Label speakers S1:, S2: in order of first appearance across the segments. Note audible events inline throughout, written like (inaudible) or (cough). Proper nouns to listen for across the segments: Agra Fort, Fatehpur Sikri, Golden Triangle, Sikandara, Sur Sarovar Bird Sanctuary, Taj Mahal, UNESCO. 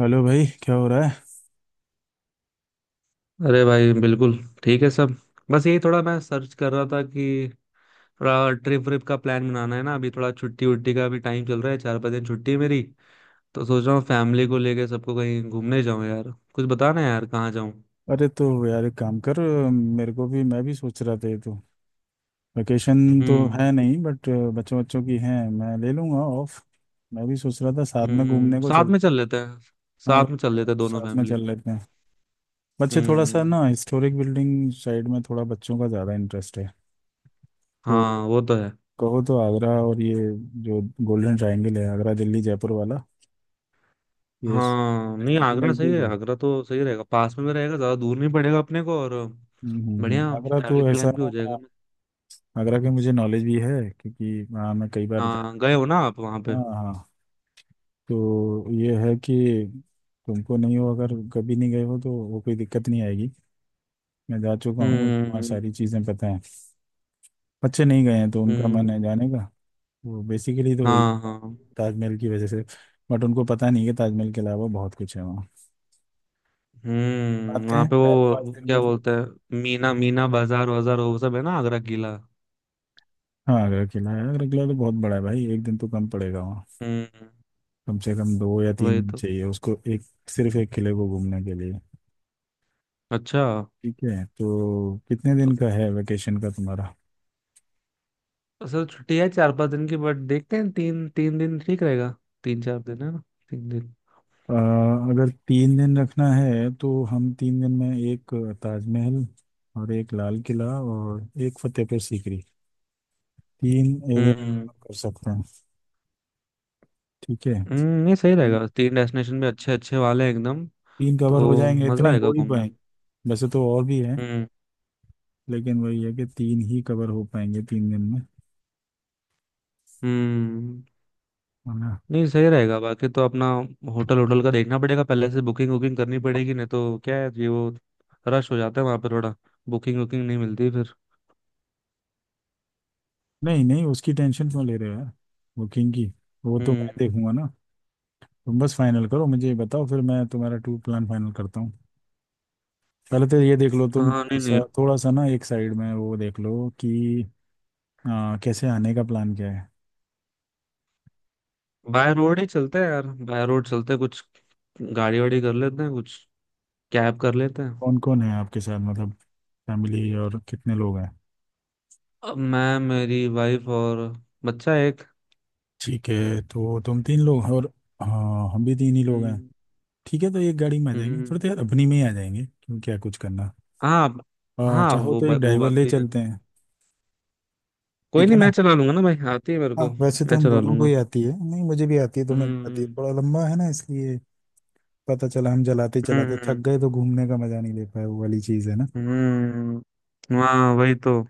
S1: Hello भाई, क्या हो रहा है?
S2: अरे भाई, बिल्कुल ठीक है सब। बस यही थोड़ा मैं सर्च कर रहा था कि थोड़ा ट्रिप व्रिप का प्लान बनाना है ना, अभी थोड़ा छुट्टी उट्टी का भी टाइम चल रहा है। 4-5 दिन छुट्टी है मेरी, तो सोच रहा हूँ फैमिली को लेके सबको कहीं घूमने जाऊँ। यार कुछ बताना यार, कहाँ जाऊँ?
S1: अरे तो यार एक काम कर। मेरे को भी, मैं भी सोच रहा था ये तो वैकेशन तो
S2: हम्म।
S1: है नहीं, बट बच्चों बच्चों की है, मैं ले लूँगा ऑफ। मैं भी सोच रहा था साथ में घूमने
S2: हम्म,
S1: को
S2: साथ में
S1: चलते
S2: चल
S1: हैं।
S2: लेते हैं।
S1: हाँ
S2: साथ में चल
S1: भाई,
S2: लेते हैं दोनों
S1: साथ में
S2: फैमिली।
S1: चल लेते हैं। बच्चे थोड़ा सा
S2: हम्म।
S1: ना हिस्टोरिक बिल्डिंग साइड में, थोड़ा बच्चों का ज़्यादा इंटरेस्ट है।
S2: हाँ,
S1: तो
S2: वो तो है।
S1: कहो तो आगरा, और ये जो गोल्डन ट्रायंगल है, आगरा दिल्ली जयपुर वाला, ये
S2: हाँ, नहीं,
S1: नज़दीक ही
S2: आगरा सही
S1: नज़दीक
S2: है।
S1: है।
S2: आगरा तो सही रहेगा, पास में भी रहेगा, ज़्यादा दूर नहीं पड़ेगा अपने को। और बढ़िया,
S1: आगरा तो
S2: ट्रैवलिंग
S1: ऐसा
S2: प्लान भी हो
S1: है।
S2: जाएगा।
S1: आगरा की मुझे नॉलेज भी है क्योंकि वहाँ मैं कई बार जाता
S2: हाँ, गए हो ना आप वहाँ पे?
S1: हूँ। हाँ हाँ, तो ये है कि तुमको नहीं हो, अगर कभी नहीं गए हो तो वो कोई दिक्कत नहीं आएगी। मैं जा चुका हूँ, मुझे वहाँ
S2: हम्म।
S1: सारी चीज़ें पता हैं। बच्चे नहीं गए हैं तो उनका मन है
S2: हम्म।
S1: जाने का। वो बेसिकली तो वही
S2: हाँ
S1: है,
S2: हाँ।
S1: ताजमहल की वजह से। बट उनको पता नहीं है कि ताजमहल के अलावा बहुत कुछ है वहाँ।
S2: हम्म,
S1: आते
S2: वहाँ
S1: हैं
S2: पे
S1: चार
S2: वो
S1: पाँच
S2: वो
S1: दिन
S2: क्या
S1: बाद।
S2: बोलते हैं, मीना मीना बाजार वाजार वो सब है ना, आगरा किला।
S1: हाँ आगरा किला है, आगरा किला तो बहुत बड़ा है भाई, 1 दिन तो कम पड़ेगा वहाँ।
S2: हम्म,
S1: कम से कम दो या तीन
S2: वही
S1: दिन
S2: तो।
S1: चाहिए उसको, एक सिर्फ एक किले को घूमने के लिए।
S2: अच्छा।
S1: ठीक है, तो कितने
S2: तो
S1: दिन का है वेकेशन का तुम्हारा?
S2: असल छुट्टी है 4-5 दिन की, बट देखते हैं, तीन तीन दिन ठीक रहेगा। 3-4 दिन है ना, 3 दिन।
S1: अ, अगर 3 दिन रखना है तो हम 3 दिन में एक ताजमहल, और एक लाल किला, और एक फतेहपुर सीकरी, 3 एरिया
S2: हम्म।
S1: कवर कर सकते हैं। ठीक है।
S2: हम्म, नहीं सही रहेगा, तीन डेस्टिनेशन भी अच्छे अच्छे वाले हैं एकदम।
S1: तीन कवर हो
S2: तो
S1: जाएंगे,
S2: मजा
S1: इतने ही
S2: आएगा
S1: हो ही
S2: घूमने में।
S1: पाएंगे। वैसे तो और भी है,
S2: हम्म।
S1: लेकिन वही है कि तीन ही कवर हो पाएंगे 3 दिन में,
S2: हम्म,
S1: है ना।
S2: नहीं सही रहेगा। बाकी तो अपना होटल होटल का देखना पड़ेगा, पहले से बुकिंग वुकिंग करनी पड़ेगी, नहीं तो क्या है, ये वो रश हो जाता है वहां पर थोड़ा, बुकिंग वुकिंग नहीं मिलती फिर।
S1: नहीं नहीं, उसकी टेंशन क्यों ले रहे हो यार? बुकिंग की वो तो
S2: हम्म।
S1: मैं देखूंगा ना। तुम बस फाइनल करो, मुझे ये बताओ, फिर मैं तुम्हारा टूर प्लान फाइनल करता हूँ। पहले तो ये देख लो तुम,
S2: हाँ, नहीं नहीं,
S1: थोड़ा सा ना एक साइड में वो देख लो कि कैसे आने का प्लान क्या है?
S2: बाय रोड ही चलते हैं यार, बाय रोड चलते हैं, कुछ गाड़ी वाड़ी कर लेते हैं, कुछ कैब कर लेते हैं।
S1: कौन कौन है आपके साथ, मतलब फैमिली और कितने लोग हैं?
S2: अब मैं, मेरी वाइफ और बच्चा, एक।
S1: ठीक है, तो तुम 3 लोग हैं, और हाँ हम भी 3 ही लोग हैं।
S2: हम्म।
S1: ठीक है, तो एक गाड़ी में आ जाएंगे, थोड़ी
S2: हम्म।
S1: देर अपनी में ही आ जाएंगे, क्यों, क्या कुछ करना?
S2: हाँ हाँ।
S1: चाहो तो एक
S2: वो
S1: ड्राइवर
S2: बात
S1: ले
S2: भी है।
S1: चलते हैं,
S2: कोई
S1: ठीक है
S2: नहीं, मैं
S1: ना।
S2: चला लूंगा ना भाई, आती है मेरे
S1: हाँ
S2: को,
S1: वैसे तो
S2: मैं
S1: हम
S2: चला
S1: दोनों को
S2: लूंगा।
S1: ही आती है, नहीं मुझे भी आती है, तुम्हें भी आती है,
S2: हम्म।
S1: थोड़ा लंबा है ना इसलिए। पता चला हम जलाते चलाते थक
S2: हम्म।
S1: गए तो घूमने का मजा नहीं ले पाए, वो वाली चीज़ है ना।
S2: हम्म, हाँ वही तो।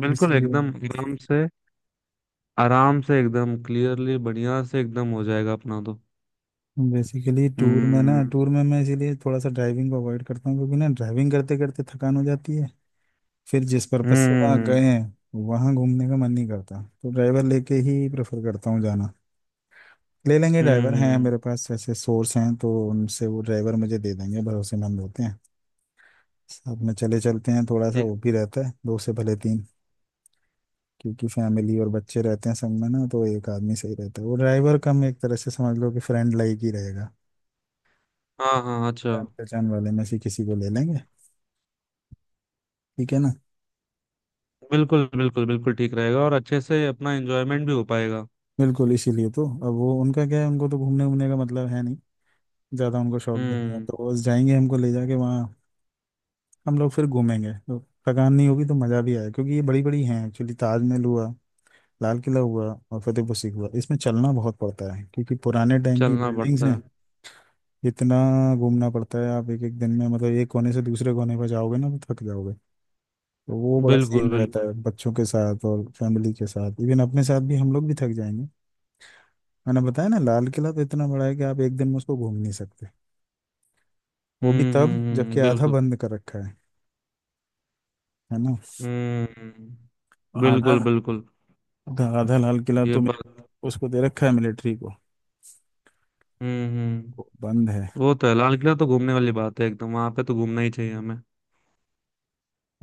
S1: तो
S2: बिल्कुल,
S1: इसलिए
S2: एकदम आराम से। आराम से एकदम क्लियरली बढ़िया से एकदम हो जाएगा अपना तो।
S1: बेसिकली टूर में ना,
S2: हम्म।
S1: टूर में मैं इसीलिए थोड़ा सा ड्राइविंग को अवॉइड करता हूँ, क्योंकि ना ड्राइविंग करते करते थकान हो जाती है। फिर जिस पर्पज से वहाँ गए
S2: हम्म।
S1: हैं, वहाँ घूमने का मन नहीं करता। तो ड्राइवर लेके ही प्रेफर करता हूँ जाना। ले लेंगे ड्राइवर, हैं मेरे
S2: हम्म।
S1: पास ऐसे सोर्स, हैं तो उनसे वो ड्राइवर मुझे दे देंगे, भरोसेमंद होते हैं। साथ में चले चलते हैं, थोड़ा सा
S2: एक,
S1: वो भी रहता है, दो से भले तीन। क्योंकि फैमिली और बच्चे रहते हैं संग में ना, तो एक आदमी सही रहता है। वो ड्राइवर कम, एक तरह से समझ लो कि फ्रेंड लाइक ही रहेगा।
S2: हाँ हाँ, अच्छा।
S1: जान पहचान वाले में से किसी को ले लेंगे, ठीक है ना।
S2: बिल्कुल बिल्कुल बिल्कुल ठीक रहेगा, और अच्छे से अपना एंजॉयमेंट भी हो पाएगा।
S1: बिल्कुल, इसीलिए तो। अब वो उनका क्या है, उनको तो घूमने घूमने का मतलब है नहीं, ज़्यादा उनको शौक भी नहीं है।
S2: हम्म,
S1: तो वो बस जाएंगे हमको ले जाके वहाँ, हम लोग फिर घूमेंगे तो थकान नहीं होगी तो मज़ा भी आएगा। क्योंकि ये बड़ी बड़ी हैं एक्चुअली, ताजमहल हुआ, लाल किला हुआ, और फतेहपुर सीकरी हुआ, इसमें चलना बहुत पड़ता है क्योंकि पुराने टाइम की
S2: चलना
S1: बिल्डिंग्स
S2: पड़ता
S1: हैं।
S2: है।
S1: इतना घूमना पड़ता है, आप एक एक दिन में मतलब एक कोने से दूसरे कोने पर जाओगे ना, तो थक जाओगे। तो वो बड़ा
S2: बिल्कुल
S1: सीन रहता
S2: बिल्कुल।
S1: है बच्चों के साथ और फैमिली के साथ, इवन अपने साथ भी, हम लोग भी थक जाएंगे। मैंने बताया ना, लाल किला तो इतना बड़ा है कि आप एक दिन में उसको घूम नहीं सकते। वो भी तब जबकि आधा
S2: बिल्कुल।
S1: बंद कर रखा है ना।
S2: हम्म, बिल्कुल
S1: आधा,
S2: बिल्कुल।
S1: आधा लाल किला
S2: ये
S1: तो
S2: बात।
S1: उसको दे रखा है मिलिट्री को, वो
S2: हम्म,
S1: बंद है।
S2: वो तो है। लाल किला तो घूमने वाली बात है, एकदम वहां पे तो घूमना ही चाहिए हमें।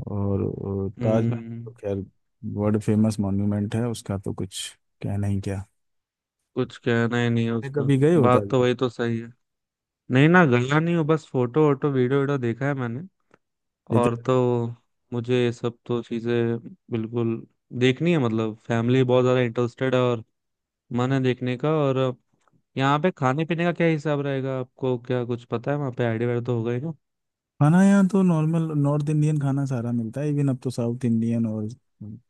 S1: और ताजमहल तो
S2: हम्म,
S1: खैर वर्ल्ड फेमस मॉन्यूमेंट है, उसका तो कुछ कहना ही क्या।
S2: कुछ कहना ही नहीं है
S1: मैं
S2: उसका।
S1: कभी गए हो
S2: बात तो
S1: ताजमहल?
S2: वही तो सही है। नहीं, ना गया नहीं हूँ, बस फोटो वोटो वीडियो वीडियो देखा है मैंने,
S1: इधर
S2: और तो मुझे ये सब तो चीजें, बिल्कुल देखनी है। मतलब फैमिली बहुत ज्यादा इंटरेस्टेड है, और मन है देखने का। और यहाँ पे खाने पीने का क्या हिसाब रहेगा, आपको क्या कुछ पता है? वहाँ पे आइडिया वाइडिया तो होगा ही ना।
S1: खाना, यहाँ तो नॉर्मल नॉर्थ इंडियन खाना सारा मिलता है, इवन अब तो साउथ इंडियन और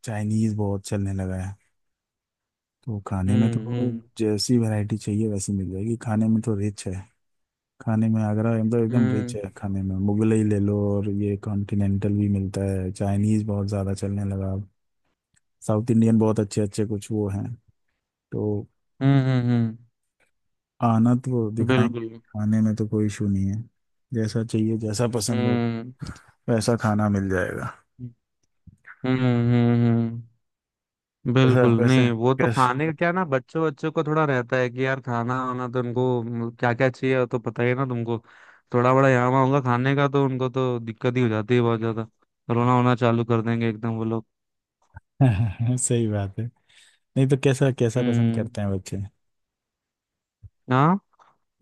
S1: चाइनीज बहुत चलने लगा है। तो खाने में
S2: हम्म।
S1: तो
S2: हम्म।
S1: जैसी वैरायटी चाहिए वैसी मिल जाएगी, खाने में तो रिच है। खाने में आगरा मतलब एकदम रिच
S2: हम्म
S1: है, खाने में मुगलई ले लो, और ये कॉन्टिनेंटल भी मिलता है, चाइनीज बहुत ज़्यादा चलने लगा, साउथ इंडियन बहुत अच्छे अच्छे कुछ वो हैं। तो
S2: हम्म हम्म हम्म,
S1: आना तो दिखाएंगे,
S2: बिल्कुल।
S1: खाने में तो कोई इशू नहीं है। जैसा चाहिए, जैसा पसंद हो,
S2: हम्म
S1: वैसा खाना मिल जाएगा।
S2: हम्म। हम्म,
S1: कैसा
S2: बिल्कुल।
S1: वैसे,
S2: नहीं, वो तो
S1: कैसा?
S2: खाने का क्या ना, बच्चों बच्चों को थोड़ा रहता है कि यार, खाना वाना तो उनको क्या क्या चाहिए, वो तो पता ही है ना तुमको। थोड़ा बड़ा यहाँ वहाँ होगा खाने का तो उनको तो दिक्कत ही हो जाती है बहुत ज्यादा, रोना वोना चालू कर देंगे एकदम वो लोग।
S1: (laughs) सही बात है। नहीं तो कैसा कैसा पसंद
S2: हम्म।
S1: करते हैं बच्चे?
S2: हाँ।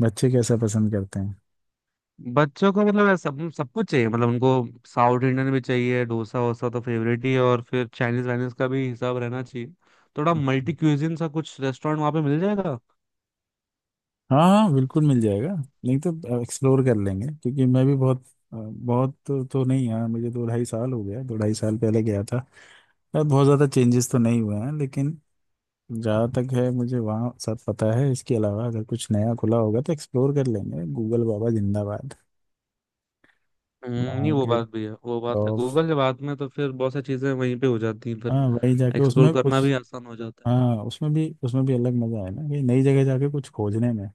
S1: बच्चे कैसा पसंद करते हैं?
S2: बच्चों को मतलब ऐसा-, सब सब कुछ चाहिए, मतलब उनको साउथ इंडियन भी चाहिए, डोसा वोसा तो फेवरेट ही है, और फिर चाइनीज वाइनीज का भी हिसाब रहना चाहिए। थोड़ा मल्टी क्यूजिन सा कुछ रेस्टोरेंट वहाँ पे मिल जाएगा।
S1: हाँ हाँ, बिल्कुल मिल जाएगा। नहीं तो एक्सप्लोर कर लेंगे, क्योंकि मैं भी बहुत बहुत तो नहीं, यार मुझे 2 ढाई साल हो गया, 2 ढाई साल पहले गया था। यार बहुत ज़्यादा चेंजेस तो नहीं हुए हैं लेकिन, जहाँ तक है मुझे वहाँ सब पता है। इसके अलावा अगर कुछ नया खुला होगा तो एक्सप्लोर कर लेंगे, गूगल बाबा जिंदाबाद।
S2: नहीं
S1: वहाँ
S2: वो
S1: के
S2: बात भी है, वो बात है,
S1: टॉप,
S2: गूगल के बाद में तो फिर बहुत सारी चीजें वहीं पे हो जाती हैं फिर।
S1: हाँ वही जाके उसमें
S2: एक्सप्लोर करना
S1: उस,
S2: भी आसान हो जाता है।
S1: हाँ उसमें भी, उसमें भी अलग मज़ा है ना कि नई जगह जाके कुछ खोजने में।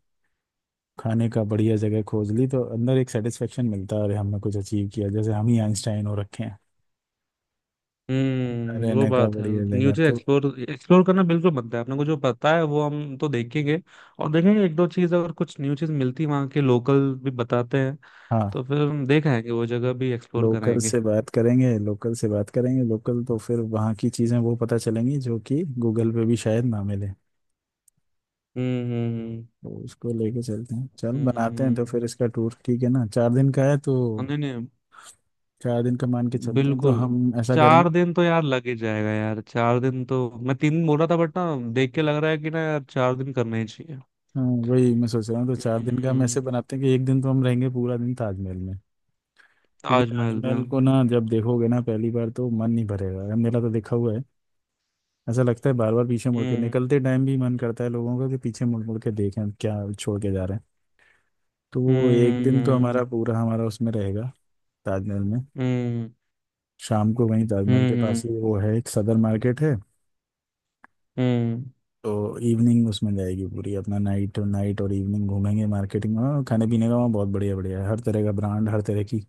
S1: खाने का बढ़िया जगह खोज ली तो अंदर एक सेटिस्फेक्शन मिलता है, अरे हमने कुछ अचीव किया जैसे, हम ही आइंस्टाइन हो रखे हैं।
S2: हम्म,
S1: अरे
S2: वो
S1: नगा
S2: बात है।
S1: बढ़िया
S2: न्यू
S1: जगह
S2: चीज
S1: तो,
S2: एक्सप्लोर एक्सप्लोर करना बिल्कुल बनता है अपने को। जो पता है वो हम तो देखेंगे, और देखेंगे एक दो चीज, अगर कुछ न्यू चीज मिलती, वहाँ के लोकल भी बताते हैं,
S1: हाँ।
S2: तो फिर हम देख आएंगे, वो जगह भी एक्सप्लोर
S1: लोकल
S2: कराएंगे।
S1: से बात करेंगे, लोकल से बात करेंगे, लोकल तो फिर वहाँ की चीज़ें वो पता चलेंगी जो कि गूगल पे भी शायद ना मिले।
S2: हम्म हम्म
S1: तो उसको लेके चलते हैं, चल
S2: हम्म हम्म,
S1: बनाते हैं तो
S2: हम्म।
S1: फिर इसका टूर, ठीक है ना, चार दिन का है तो
S2: नहीं नहीं,
S1: 4 दिन का मान के चलते हैं, तो
S2: बिल्कुल।
S1: हम ऐसा
S2: चार
S1: करेंगे।
S2: दिन तो यार लग ही जाएगा यार, 4 दिन तो मैं 3 दिन बोल रहा था, बट ना देख के लग रहा है कि ना यार, 4 दिन करने ही चाहिए।
S1: हाँ, वही मैं सोच रहा हूँ, तो चार दिन का हम
S2: हम्म,
S1: ऐसे बनाते हैं कि एक दिन तो हम रहेंगे पूरा दिन ताजमहल में। क्योंकि
S2: ताजमहल
S1: ताजमहल
S2: में।
S1: को ना जब देखोगे ना पहली बार, तो मन नहीं भरेगा, मेरा तो देखा हुआ है। ऐसा लगता है बार बार पीछे मुड़ के,
S2: हम्म
S1: निकलते टाइम भी मन करता है लोगों का कि पीछे मुड़ मुड़ के देखें हम, क्या छोड़ के जा रहे हैं। तो वो एक दिन तो हमारा
S2: हम्म।
S1: पूरा, हमारा उसमें रहेगा, ताजमहल में।
S2: हम्म।
S1: शाम को वहीं ताजमहल के पास
S2: हम्म
S1: ही वो है, एक सदर मार्केट है,
S2: हम्म,
S1: तो इवनिंग उसमें जाएगी पूरी अपना। नाइट नाइट और इवनिंग घूमेंगे, मार्केटिंग में, खाने पीने का वहाँ बहुत बढ़िया बढ़िया है, हर तरह का ब्रांड, हर तरह की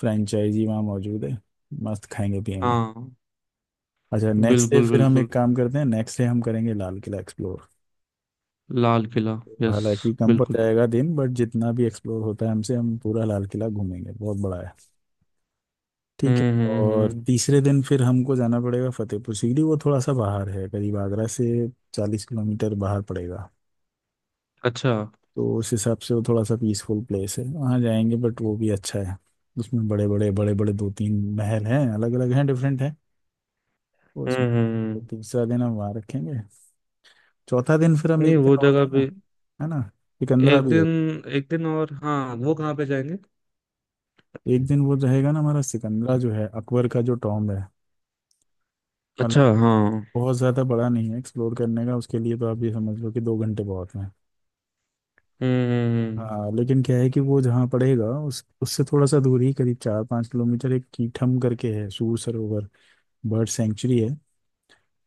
S1: फ्रेंचाइजी वहाँ मौजूद है। मस्त खाएंगे पियेंगे।
S2: हाँ
S1: अच्छा, नेक्स्ट डे
S2: बिल्कुल
S1: फिर हम
S2: बिल्कुल।
S1: एक काम करते हैं, नेक्स्ट डे हम करेंगे लाल किला एक्सप्लोर।
S2: लाल किला, यस।
S1: हालांकि कम पड़
S2: बिल्कुल।
S1: जाएगा दिन, बट जितना भी एक्सप्लोर होता है हमसे, हम पूरा लाल किला घूमेंगे, बहुत बड़ा है। ठीक
S2: हम्म
S1: है,
S2: हम्म
S1: और
S2: हम्म,
S1: तीसरे दिन फिर हमको जाना पड़ेगा फतेहपुर सीकरी, वो थोड़ा सा बाहर है करीब आगरा से, 40 किलोमीटर बाहर पड़ेगा।
S2: अच्छा। हम्म।
S1: तो उस हिसाब से वो थोड़ा सा पीसफुल प्लेस है, वहाँ जाएंगे, बट वो भी अच्छा है। उसमें बड़े बड़े दो तीन महल हैं, अलग अलग हैं, डिफरेंट हैं वो
S2: हम्म,
S1: उसमें। तो
S2: हम्म।
S1: तीसरा दिन हम वहाँ रखेंगे। चौथा दिन फिर हम
S2: नहीं,
S1: एक
S2: वो
S1: दिन और
S2: जगह
S1: लेंगे,
S2: पे
S1: है ना, सिकंदरा
S2: एक
S1: भी
S2: दिन,
S1: हो।
S2: एक दिन और, हाँ वो कहाँ पे जाएंगे?
S1: एक दिन वो रहेगा ना हमारा सिकंदरा, जो है अकबर का जो टॉम्ब है।
S2: अच्छा
S1: हालांकि
S2: हाँ हम्म।
S1: बहुत ज़्यादा बड़ा नहीं है एक्सप्लोर करने का, उसके लिए तो आप ये समझ लो कि 2 घंटे बहुत हैं।
S2: हम्म, हम्म,
S1: हाँ लेकिन क्या है कि वो जहाँ पड़ेगा उस, उससे थोड़ा सा दूर ही, करीब 4 पाँच किलोमीटर, एक कीठम करके है, सूर सरोवर, बर्ड सेंचुरी है।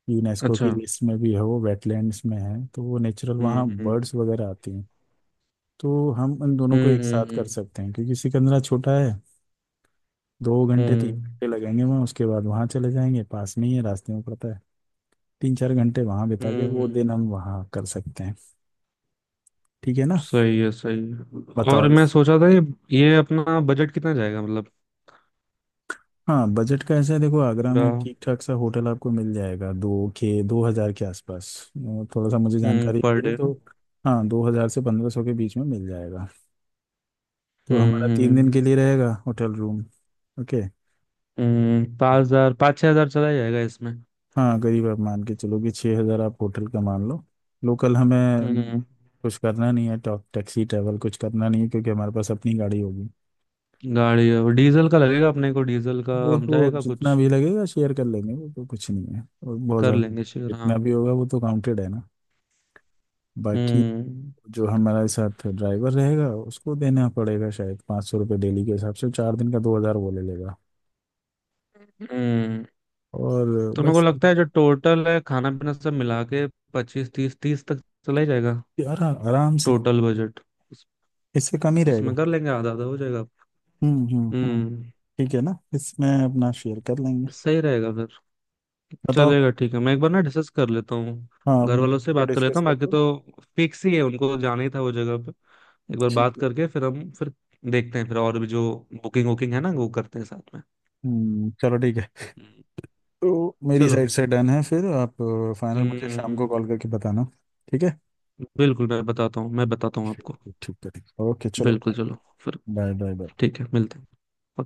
S1: यूनेस्को की
S2: अच्छा
S1: लिस्ट में भी है, वो वेटलैंड्स में है, तो वो नेचुरल
S2: हम्म।
S1: वहाँ बर्ड्स वगैरह आती हैं। तो हम उन दोनों को
S2: हम्म
S1: एक साथ
S2: हम्म
S1: कर सकते हैं, क्योंकि सिकंदरा छोटा है, दो घंटे तीन
S2: हम्म,
S1: घंटे लगेंगे वहाँ। उसके बाद वहाँ चले जाएंगे, पास में ही है, रास्ते में पड़ता है। 3 चार घंटे वहां बिता के वो
S2: हम्म।
S1: दिन हम वहां कर सकते हैं, ठीक है ना।
S2: सही है सही है, और
S1: बताओ
S2: मैं
S1: इस,
S2: सोचा था ये अपना बजट कितना जाएगा, मतलब
S1: हाँ बजट का ऐसा है, देखो आगरा
S2: पूरा?
S1: में ठीक ठाक सा होटल आपको मिल जाएगा दो के, 2 हजार के आसपास। थोड़ा सा मुझे
S2: हम्म,
S1: जानकारी
S2: पर
S1: भी है
S2: डे
S1: तो।
S2: ना।
S1: हाँ 2,000 से 1,500 के बीच में मिल जाएगा। तो हमारा
S2: हम्म
S1: 3 दिन
S2: हम्म
S1: के लिए रहेगा होटल रूम। ओके।
S2: 5,000 5-6 हज़ार चला जाएगा इसमें।
S1: हाँ करीब आप मान के चलो कि 6 हज़ार आप होटल का मान लो। लोकल हमें
S2: हम्म,
S1: कुछ करना नहीं है, टॉक टैक्सी ट्रैवल कुछ करना नहीं है, क्योंकि हमारे पास अपनी गाड़ी होगी।
S2: गाड़ी है, और डीजल का लगेगा अपने को, डीजल का
S1: वो
S2: हम
S1: तो
S2: जाएगा
S1: जितना
S2: कुछ?
S1: भी लगेगा शेयर कर लेंगे, वो तो कुछ नहीं है। और बहुत
S2: कर
S1: ज़्यादा,
S2: लेंगे शेयर, हाँ।
S1: जितना भी होगा वो तो काउंटेड है ना। बाकी
S2: हम्म
S1: जो हमारे साथ ड्राइवर रहेगा उसको देना पड़ेगा, शायद ₹500 डेली के हिसाब से, 4 दिन का 2 हज़ार वो ले लेगा।
S2: हम्म,
S1: और
S2: तो मेरे को
S1: बस।
S2: लगता है जो टोटल है, खाना पीना सब मिला के, 25-30 तीस तक चला ही जाएगा।
S1: यार आराम से,
S2: टोटल बजट
S1: इससे कम ही
S2: उसमें
S1: रहेगा।
S2: कर लेंगे, आधा आधा हो जाएगा।
S1: हम्म,
S2: हम्म,
S1: ठीक है ना, इसमें अपना शेयर कर लेंगे।
S2: सही रहेगा फिर।
S1: बताओ।
S2: चलेगा, ठीक है, मैं एक बार ना डिस्कस कर लेता हूँ, घर वालों से
S1: हाँ
S2: बात कर लेता
S1: डिस्कस
S2: हूँ।
S1: कर
S2: बाकी
S1: लो।
S2: तो फिक्स ही है, उनको जाना ही था वो जगह पे। एक बार
S1: ठीक
S2: बात
S1: है,
S2: करके फिर हम फिर देखते हैं, फिर और भी जो बुकिंग वुकिंग है ना वो करते हैं साथ में।
S1: चलो ठीक है।
S2: हम्म,
S1: तो मेरी साइड
S2: चलो।
S1: से डन है, फिर आप फाइनल मुझे शाम
S2: हम्म,
S1: को कॉल करके बताना, ठीक है।
S2: बिल्कुल, मैं बताता हूँ आपको।
S1: ठीक ठीक है ठीक, ओके चलो।
S2: बिल्कुल, चलो फिर।
S1: Bye bye bye.
S2: ठीक है, मिलते हैं।